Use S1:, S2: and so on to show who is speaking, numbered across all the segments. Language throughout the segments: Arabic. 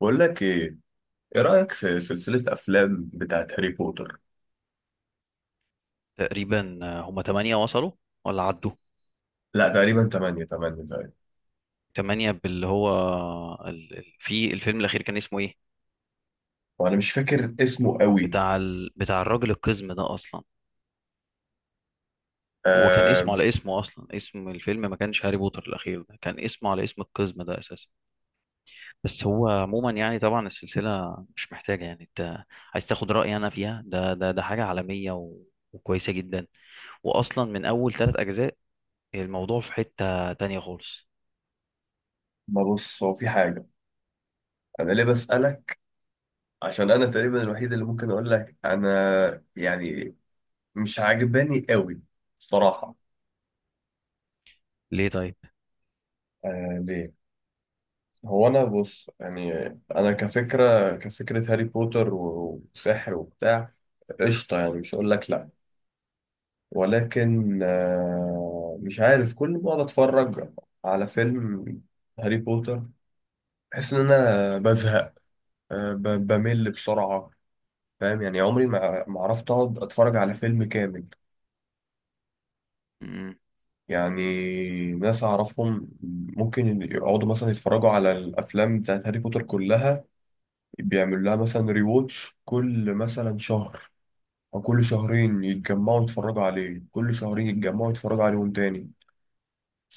S1: بقول لك ايه. ايه رأيك في سلسلة افلام بتاعت هاري بوتر؟
S2: تقريبا آه، هم تمانية وصلوا ولا عدوا.
S1: لا تقريبا 8 8 تقريبا.
S2: تمانية، باللي هو في الفيلم الأخير كان اسمه إيه،
S1: وانا مش فاكر اسمه قوي.
S2: بتاع بتاع الراجل القزم ده أصلا؟ هو كان
S1: آه.
S2: اسمه على اسمه أصلا، اسم الفيلم ما كانش هاري بوتر الأخير ده، كان اسمه على اسم القزم ده أساسا. بس هو عموما يعني طبعا السلسلة مش محتاجة، يعني أنت عايز تاخد رأيي أنا فيها، ده حاجة عالمية و... وكويسة جدا، وأصلا من أول 3 أجزاء الموضوع في حتة تانية خالص.
S1: ما بص، هو في حاجة، انا ليه بسألك؟ عشان انا تقريبا الوحيد اللي ممكن اقول لك انا، يعني مش عاجباني قوي الصراحة.
S2: ليه طيب؟
S1: آه ليه، هو انا بص يعني، انا كفكرة هاري بوتر وسحر وبتاع، قشطة يعني، مش هقول لك لا. ولكن مش عارف، كل ما أقعد أتفرج على فيلم هاري بوتر بحس إن أنا بزهق. بمل بسرعة، فاهم؟ يعني عمري ما عرفت أقعد أتفرج على فيلم كامل.
S2: م-
S1: يعني ناس أعرفهم ممكن يقعدوا مثلا يتفرجوا على الأفلام بتاعت هاري بوتر كلها، بيعملوا لها مثلا ريواتش كل مثلا شهر أو كل شهرين، يتجمعوا يتفرجوا عليه، كل شهرين يتجمعوا يتفرجوا عليهم تاني.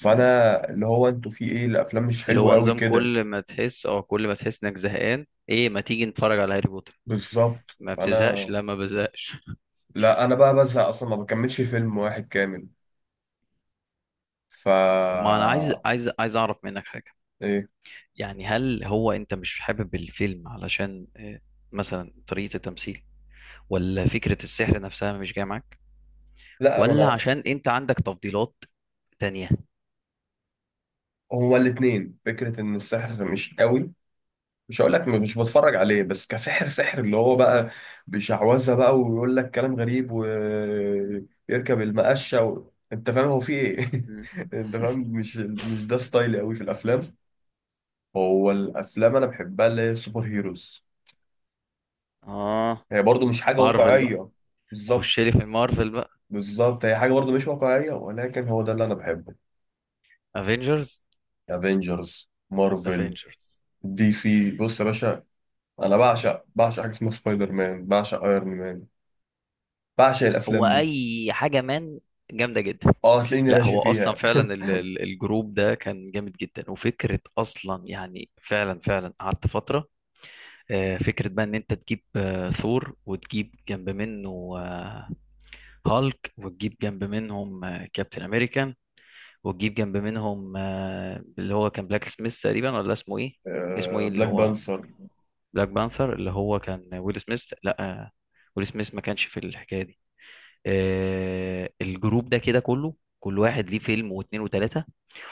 S2: م-
S1: اللي هو، انتوا في ايه، الافلام مش
S2: اللي
S1: حلوه
S2: هو
S1: قوي
S2: نظام
S1: كده.
S2: كل ما تحس، او كل ما تحس انك زهقان، ايه ما تيجي نتفرج على هاري بوتر.
S1: بالظبط،
S2: ما بتزهقش؟
S1: فانا
S2: لا ما بزهقش.
S1: لا انا بقى بزهق اصلا، ما بكملش فيلم واحد كامل. ف
S2: طب ما انا عايز اعرف منك حاجه،
S1: ايه.
S2: يعني هل هو انت مش حابب الفيلم علشان مثلا طريقه التمثيل، ولا فكره السحر نفسها مش جايه معاك،
S1: لا ما
S2: ولا
S1: انا
S2: عشان انت عندك تفضيلات تانية؟
S1: هو الاتنين، فكره ان السحر مش قوي، مش هقول لك مش بتفرج عليه، بس كسحر سحر اللي هو بقى بشعوذه بقى، ويقول لك كلام غريب ويركب المقشه و انت فاهم هو في ايه؟
S2: مم.
S1: انت فاهم؟ مش ده ستايلي قوي في الافلام. هو الافلام انا بحبها اللي هي سوبر هيروز،
S2: اه،
S1: هي برضو مش حاجة
S2: مارفل بقى.
S1: واقعية.
S2: خش لي
S1: بالظبط.
S2: في مارفل بقى.
S1: بالظبط، هي حاجة برضو مش واقعية، ولكن هو ده اللي أنا بحبه.
S2: افنجرز.
S1: افنجرز مارفل.
S2: افنجرز.
S1: دي سي، بص يا باشا، أنا بعشق بعشق حاجة اسمها سبايدر مان، بعشق ايرون مان، بعشق
S2: هو
S1: الأفلام دي.
S2: اي حاجه مان جامده جدا.
S1: اه هتلاقيني
S2: لا،
S1: راشق
S2: هو اصلا
S1: فيها.
S2: فعلا الجروب ده كان جامد جدا، وفكره اصلا يعني فعلا فعلا قعدت فتره. فكره بقى ان انت تجيب ثور، وتجيب جنب منه هالك، وتجيب جنب منهم كابتن امريكان، وتجيب جنب منهم اللي هو كان بلاك سميث تقريبا، ولا اسمه ايه؟ اسمه
S1: آه،
S2: ايه اللي
S1: بلاك
S2: هو؟
S1: بانثر.
S2: بلاك بانثر، اللي هو كان ويل سميث. لا ويل سميث ما كانش في الحكايه دي. الجروب ده كده كله، كل واحد ليه فيلم واتنين وتلاته،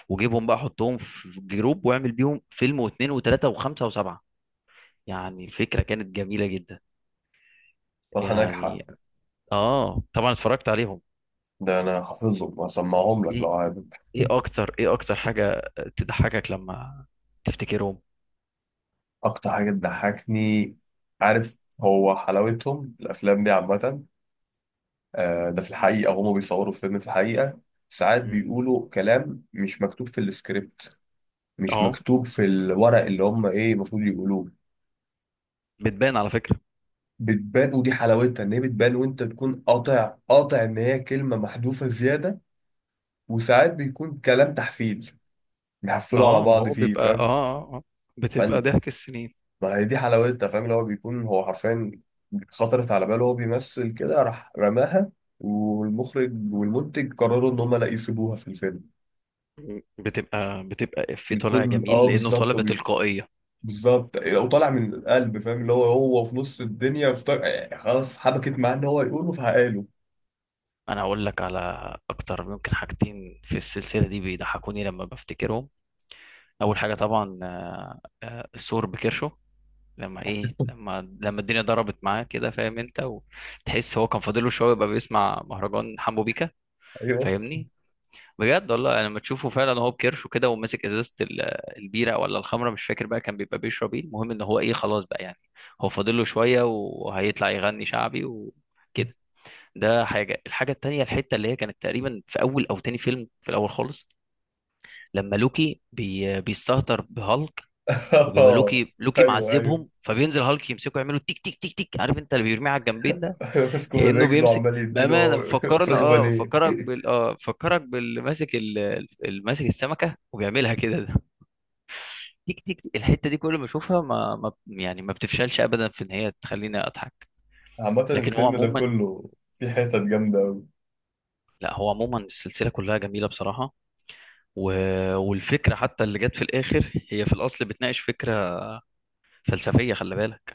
S2: وجيبهم بقى حطهم في جروب واعمل بيهم فيلم واثنين وثلاثة وخمسة وسبعة. يعني الفكرة كانت جميلة جدا.
S1: فرحة ناجحة.
S2: يعني اه، طبعا اتفرجت عليهم.
S1: ده أنا حافظهم وأسمعهم لك لو
S2: ايه؟
S1: عايز.
S2: اكتر حاجة تضحكك لما تفتكرهم؟
S1: أكتر حاجة بتضحكني، عارف، هو حلاوتهم الأفلام دي عامة، ده في الحقيقة هما بيصوروا فيلم، في الحقيقة ساعات
S2: مم.
S1: بيقولوا كلام مش مكتوب في السكريبت، مش
S2: اه،
S1: مكتوب في الورق اللي هما ايه المفروض يقولوه.
S2: بتبان على فكرة.
S1: بتبان، ودي حلاوتها ان هي بتبان، وانت تكون قاطع قاطع ان هي كلمة محذوفة زيادة. وساعات بيكون كلام تحفيل، بيحفلوا على
S2: اه، ما
S1: بعض
S2: هو
S1: فيه،
S2: بيبقى اه
S1: فاهم.
S2: بتبقى
S1: فن.
S2: ضحك السنين.
S1: ما هي دي حلاوتها، فاهم، اللي هو بيكون هو حرفيا خطرت على باله وهو بيمثل كده راح رماها، والمخرج والمنتج قرروا ان هما لا يسيبوها في الفيلم.
S2: مم. بتبقى في طالع
S1: بتكون اه،
S2: جميل لانه طالع
S1: بالظبط،
S2: بتلقائية.
S1: بالظبط، وطالع من القلب، فاهم اللي هو، هو في نص الدنيا في يعني خلاص حبكت معاه ان هو يقوله فهقاله.
S2: انا هقول لك على اكتر ممكن حاجتين في السلسلة دي بيضحكوني لما بفتكرهم. اول حاجه طبعا السور بكرشه، لما ايه، لما الدنيا ضربت معاه كده، فاهم انت، وتحس هو كان فاضله شويه يبقى بيسمع مهرجان حمو بيكا.
S1: ايوه.
S2: فاهمني؟ بجد والله، يعني لما تشوفه فعلا هو بكرشه كده وماسك ازازه البيره ولا الخمره مش فاكر بقى كان بيبقى بيشرب ايه، المهم ان هو ايه خلاص بقى، يعني هو فاضله شويه وهيطلع يغني شعبي وكده. ده حاجه. الحاجه التانيه، الحته اللي هي كانت تقريبا في اول او تاني فيلم في الاول خالص، لما لوكي بي بيستهتر بهالك، وبيبقى لوكي
S1: ايوه ايوه.
S2: معذبهم، فبينزل هالك يمسكه يعملوا تيك تيك تيك تيك، عارف انت اللي بيرميه على الجنبين ده،
S1: ماسكه من
S2: كأنه
S1: رجله
S2: بيمسك
S1: وعمال يديله
S2: بأمانة، فكرنا
S1: فراخ
S2: اه،
S1: بانيه.
S2: فكرك بال، اه فكرك باللي ماسك اللي ماسك السمكة وبيعملها كده ده. تيك تيك تيك. الحتة دي كل ما اشوفها ما بتفشلش ابدا في ان هي تخليني اضحك.
S1: عامة
S2: لكن هو
S1: الفيلم ده
S2: عموما،
S1: كله في حتت جامدة أوي.
S2: لا هو عموما السلسلة كلها جميلة بصراحة، و... والفكرة حتى اللي جت في الآخر هي في الأصل بتناقش فكرة فلسفية، خلي بالك.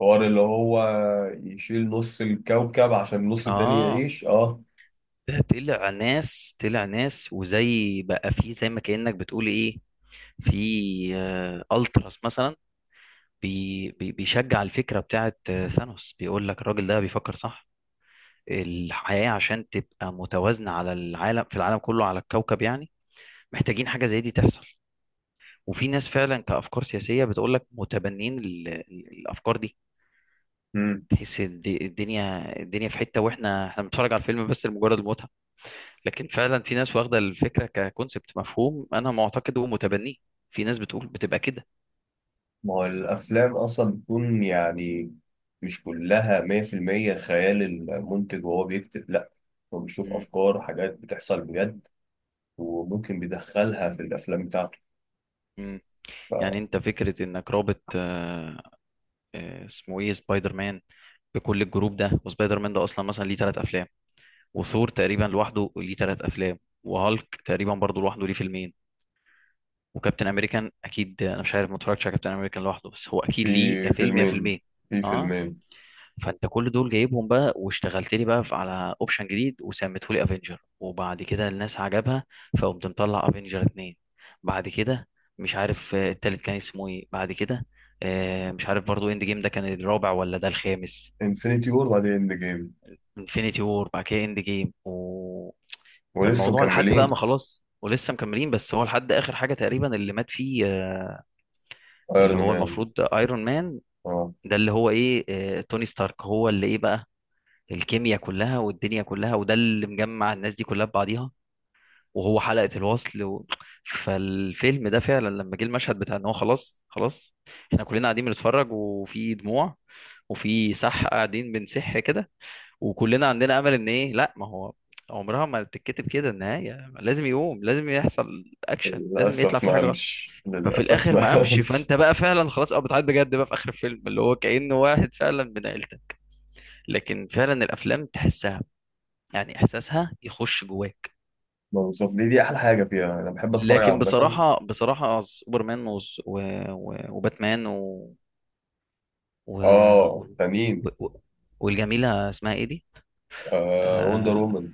S1: حوار اللي هو يشيل نص الكوكب عشان النص التاني
S2: اه،
S1: يعيش، اه.
S2: ده طلع ناس، طلع ناس وزي بقى في زي، ما كأنك بتقول ايه، في التراس مثلا بي بيشجع الفكرة بتاعت ثانوس، بيقول لك الراجل ده بيفكر صح، الحياة عشان تبقى متوازنة على العالم، في العالم كله على الكوكب يعني محتاجين حاجة زي دي تحصل. وفي ناس فعلا، كأفكار سياسية، بتقول لك متبنين الأفكار دي. تحس الدنيا في حتة، واحنا بنتفرج على الفيلم بس لمجرد المتعة، لكن فعلا في ناس واخده الفكره ككونسبت مفهوم، انا معتقد ومتبنيه، في ناس بتقول بتبقى كده.
S1: ما هو الأفلام أصلا بتكون يعني مش كلها مية في المية خيال المنتج وهو بيكتب، لأ، هو بيشوف
S2: مم.
S1: أفكار وحاجات بتحصل بجد وممكن بيدخلها في الأفلام بتاعته.
S2: مم.
S1: ف
S2: يعني انت فكره انك رابط اسمه ايه، سبايدر مان بكل الجروب ده، وسبايدر مان ده اصلا مثلا ليه 3 افلام، وثور تقريبا لوحده ليه 3 افلام، وهالك تقريبا برضه لوحده ليه فيلمين، وكابتن امريكان اكيد، انا مش عارف ما اتفرجتش على كابتن امريكان لوحده، بس هو
S1: في
S2: اكيد ليه يا فيلم يا
S1: فيلمين.
S2: فيلمين.
S1: في
S2: اه،
S1: فيلمين
S2: فانت كل دول جايبهم بقى واشتغلت لي بقى على اوبشن جديد وسميته لي افنجر، وبعد كده الناس عجبها فقمت مطلع افنجر اتنين، بعد كده مش عارف التالت كان اسمه ايه بعد كده، مش عارف برضو اند جيم ده كان الرابع ولا ده الخامس.
S1: انفينيتي وور وبعدين اند جيم.
S2: انفينيتي وور بعد كده اند جيم و...
S1: ولسه
S2: فالموضوع لحد بقى ما
S1: مكملين.
S2: خلاص، ولسه مكملين، بس هو لحد اخر حاجه تقريبا اللي مات فيه اللي
S1: ايرون
S2: هو
S1: مان.
S2: المفروض ايرون مان،
S1: اه.
S2: ده اللي هو ايه توني ستارك، هو اللي ايه بقى الكيمياء كلها والدنيا كلها، وده اللي مجمع الناس دي كلها ببعضيها، وهو حلقة الوصل و... فالفيلم ده فعلا لما جه المشهد بتاع ان هو خلاص خلاص، احنا كلنا قاعدين بنتفرج وفي دموع، وفي سح قاعدين بنسح كده، وكلنا عندنا امل ان ايه، لا ما هو عمرها ما بتتكتب كده النهاية، لازم يقوم، لازم يحصل اكشن، لازم يطلع
S1: للأسف
S2: في
S1: ما
S2: حاجة غلط.
S1: قامش،
S2: ففي
S1: للأسف
S2: الاخر ما
S1: ما
S2: قامش،
S1: قامش.
S2: فانت بقى فعلا خلاص، اه بتعيط بجد بقى في اخر الفيلم، اللي هو كأنه واحد فعلا من عيلتك، لكن فعلا الافلام تحسها يعني احساسها يخش جواك.
S1: ما وصل- دي دي أحلى حاجة فيها، أنا بحب أتفرج على
S2: لكن
S1: عامة.
S2: بصراحه، بصراحه سوبرمان و... و... و- وباتمان و... و...
S1: اه
S2: و...
S1: تانيين.
S2: و... والجميله اسمها ايه دي؟
S1: آه وندر
S2: اه،
S1: وومن.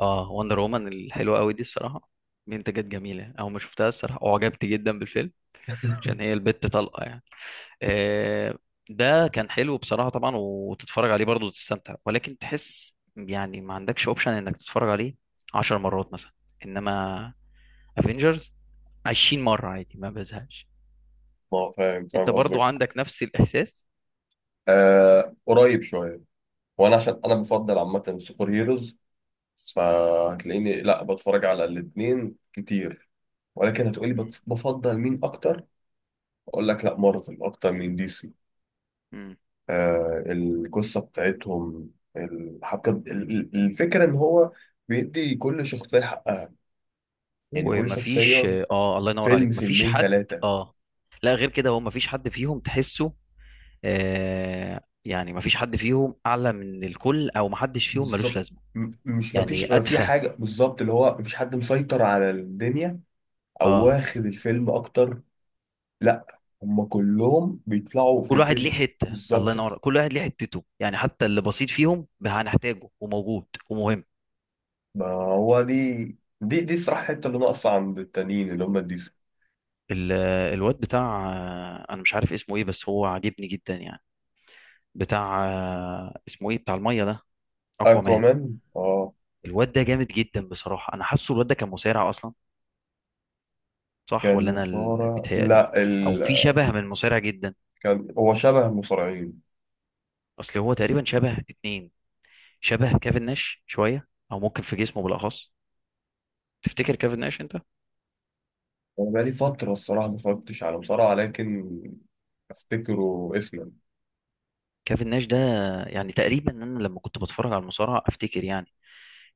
S2: وندر وومن الحلوه قوي دي الصراحه، منتجات جميله، او ما شفتها الصراحه وعجبت جدا بالفيلم عشان هي البت طلقه يعني. آه، ده كان حلو بصراحة طبعا، وتتفرج عليه برضه وتستمتع، ولكن تحس يعني ما عندكش اوبشن انك تتفرج عليه 10 مرات مثلا. انما افنجرز 20 مرة عادي ما بزهقش.
S1: ما هو فاهم،
S2: انت
S1: فاهم
S2: برضو
S1: قصدي.
S2: عندك نفس الإحساس؟
S1: آه قريب شويه، وانا عشان انا بفضل عامه سوبر هيروز، فهتلاقيني لا بتفرج على الاثنين كتير، ولكن هتقولي بفضل مين اكتر، اقول لك لا مارفل اكتر من دي سي.
S2: مم.
S1: آه القصه بتاعتهم، الحبكه، الفكره ان هو بيدي كل شخصيه حقها، يعني كل
S2: ومفيش،
S1: شخصيه
S2: اه الله ينور عليك،
S1: فيلم
S2: مفيش
S1: فيلمين
S2: حد.
S1: ثلاثه.
S2: اه، لا غير كده، هو مفيش حد فيهم تحسه آه، يعني مفيش حد فيهم أعلى من الكل، أو محدش فيهم ملوش
S1: بالظبط.
S2: لازمة،
S1: م- مش
S2: يعني
S1: مفيش ما في
S2: أتفه.
S1: حاجه بالظبط، اللي هو مفيش حد مسيطر على الدنيا او
S2: اه،
S1: واخد الفيلم اكتر. لا هم كلهم بيطلعوا
S2: كل
S1: في
S2: واحد ليه
S1: كده.
S2: حتة، الله
S1: بالظبط. في،
S2: ينور، كل واحد ليه حتته، يعني حتى اللي بسيط فيهم هنحتاجه وموجود ومهم.
S1: ما هو دي، دي الصراحة الحتة اللي ناقصة عند التانيين اللي هم الديسي.
S2: ال- الواد بتاع انا مش عارف اسمه ايه بس هو عاجبني جدا يعني، بتاع اسمه ايه، بتاع الميه ده، اكوامان.
S1: اكوامان اه.
S2: الواد ده جامد جدا بصراحه. انا حاسه الواد ده كان مصارع اصلا، صح
S1: كان
S2: ولا انا اللي
S1: مصارع،
S2: بيتهيألي؟
S1: لا
S2: او
S1: ال...
S2: في شبه من مصارع جدا.
S1: كان هو شبه المصارعين.
S2: اصل هو تقريبا شبه اتنين، شبه كيفن ناش شويه، او ممكن في جسمه بالاخص. تفتكر كيفن ناش انت،
S1: انا بقالي فترة الصراحة ما اتفرجتش على مصارعة، لكن افتكره اسما.
S2: كيفن ناش ده؟ يعني تقريبا انا لما كنت بتفرج على المصارعه افتكر يعني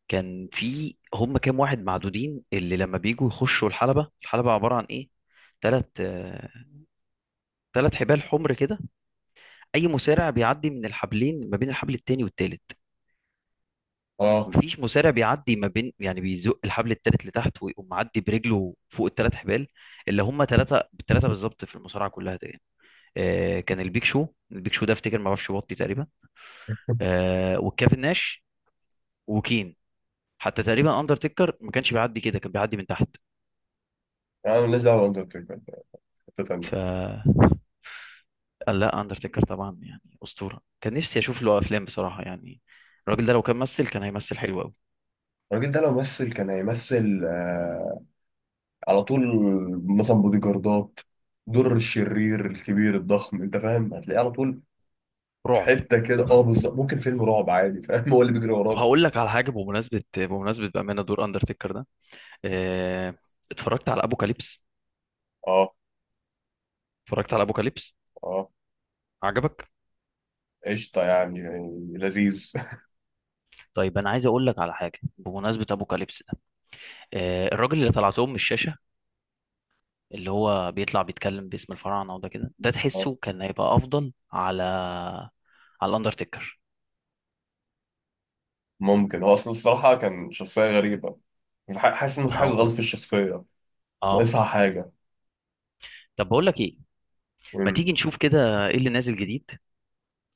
S2: كان في هم كام واحد معدودين، اللي لما بيجوا يخشوا الحلبه، الحلبه عباره عن ايه، تلات 3 حبال حمر كده، اي مصارع بيعدي من الحبلين، ما بين الحبل التاني والتالت،
S1: اه.
S2: مفيش مصارع بيعدي ما بين، يعني بيزق الحبل التالت لتحت ويقوم معدي برجله فوق التلات حبال اللي هم تلاتة بالتلاتة بالظبط في المصارعة كلها تقريبا. آه كان البيك شو، البيك شو ده افتكر ما اعرفش بطي تقريبا، والكافن ناش، وكين، حتى تقريبا اندرتيكر ما كانش بيعدي كده، كان بيعدي من تحت.
S1: يعني مالناش دعوة باندرتيكر، حتة
S2: ف
S1: تانية.
S2: قال لا اندرتيكر طبعا يعني اسطورة، كان نفسي اشوف له افلام بصراحة يعني، الراجل ده لو كان ممثل كان هيمثل حلو قوي.
S1: الراجل ده لو مثل كان هيمثل على طول. مثلا بودي جاردات، دور الشرير الكبير الضخم، انت فاهم، هتلاقيه على طول. في
S2: رعب.
S1: حته كده، اه بالظبط، ممكن فيلم رعب عادي، فاهم، هو اللي بيجري
S2: طب
S1: وراك.
S2: هقول لك على حاجة، بمناسبة بأمانة دور اندرتيكر ده آه، اتفرجت على ابوكاليبس؟
S1: اه.
S2: اتفرجت على ابوكاليبس؟
S1: اه
S2: عجبك؟
S1: قشطه يعني, يعني لذيذ.
S2: طيب انا عايز اقول لك على حاجه بمناسبه ابوكاليبس ده، الراجل اللي طلعتهم من الشاشه، اللي هو بيطلع بيتكلم باسم الفراعنه وده كده، ده
S1: آه،
S2: تحسه كان هيبقى افضل على، على الاندرتيكر.
S1: ممكن هو اصلا الصراحه كان شخصيه غريبه، في حاسس ان
S2: ما
S1: في حاجه غلط
S2: هو
S1: في الشخصيه،
S2: اه.
S1: ناقصها حاجه.
S2: طب بقول لك ايه، ما
S1: مم.
S2: تيجي نشوف كده ايه اللي نازل جديد،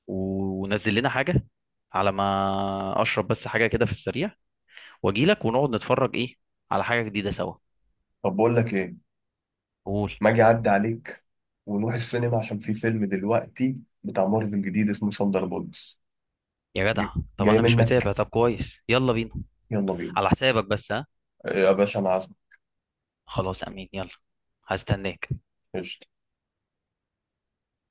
S2: ونزل لنا حاجه على ما اشرب بس حاجه كده في السريع، واجي لك ونقعد نتفرج ايه على حاجه جديده سوا.
S1: طب بقول لك ايه،
S2: قول.
S1: ما اجي اعدي عليك ونروح السينما، عشان في فيلم دلوقتي بتاع مارفل جديد اسمه ثاندر بولتس.
S2: يا جدع، طب
S1: جاي
S2: انا مش
S1: منك،
S2: متابع، طب كويس، يلا بينا.
S1: يلا بينا.
S2: على حسابك بس ها؟
S1: يا باشا انا عازمك.
S2: خلاص امين، يلا، هستناك.
S1: قشطة.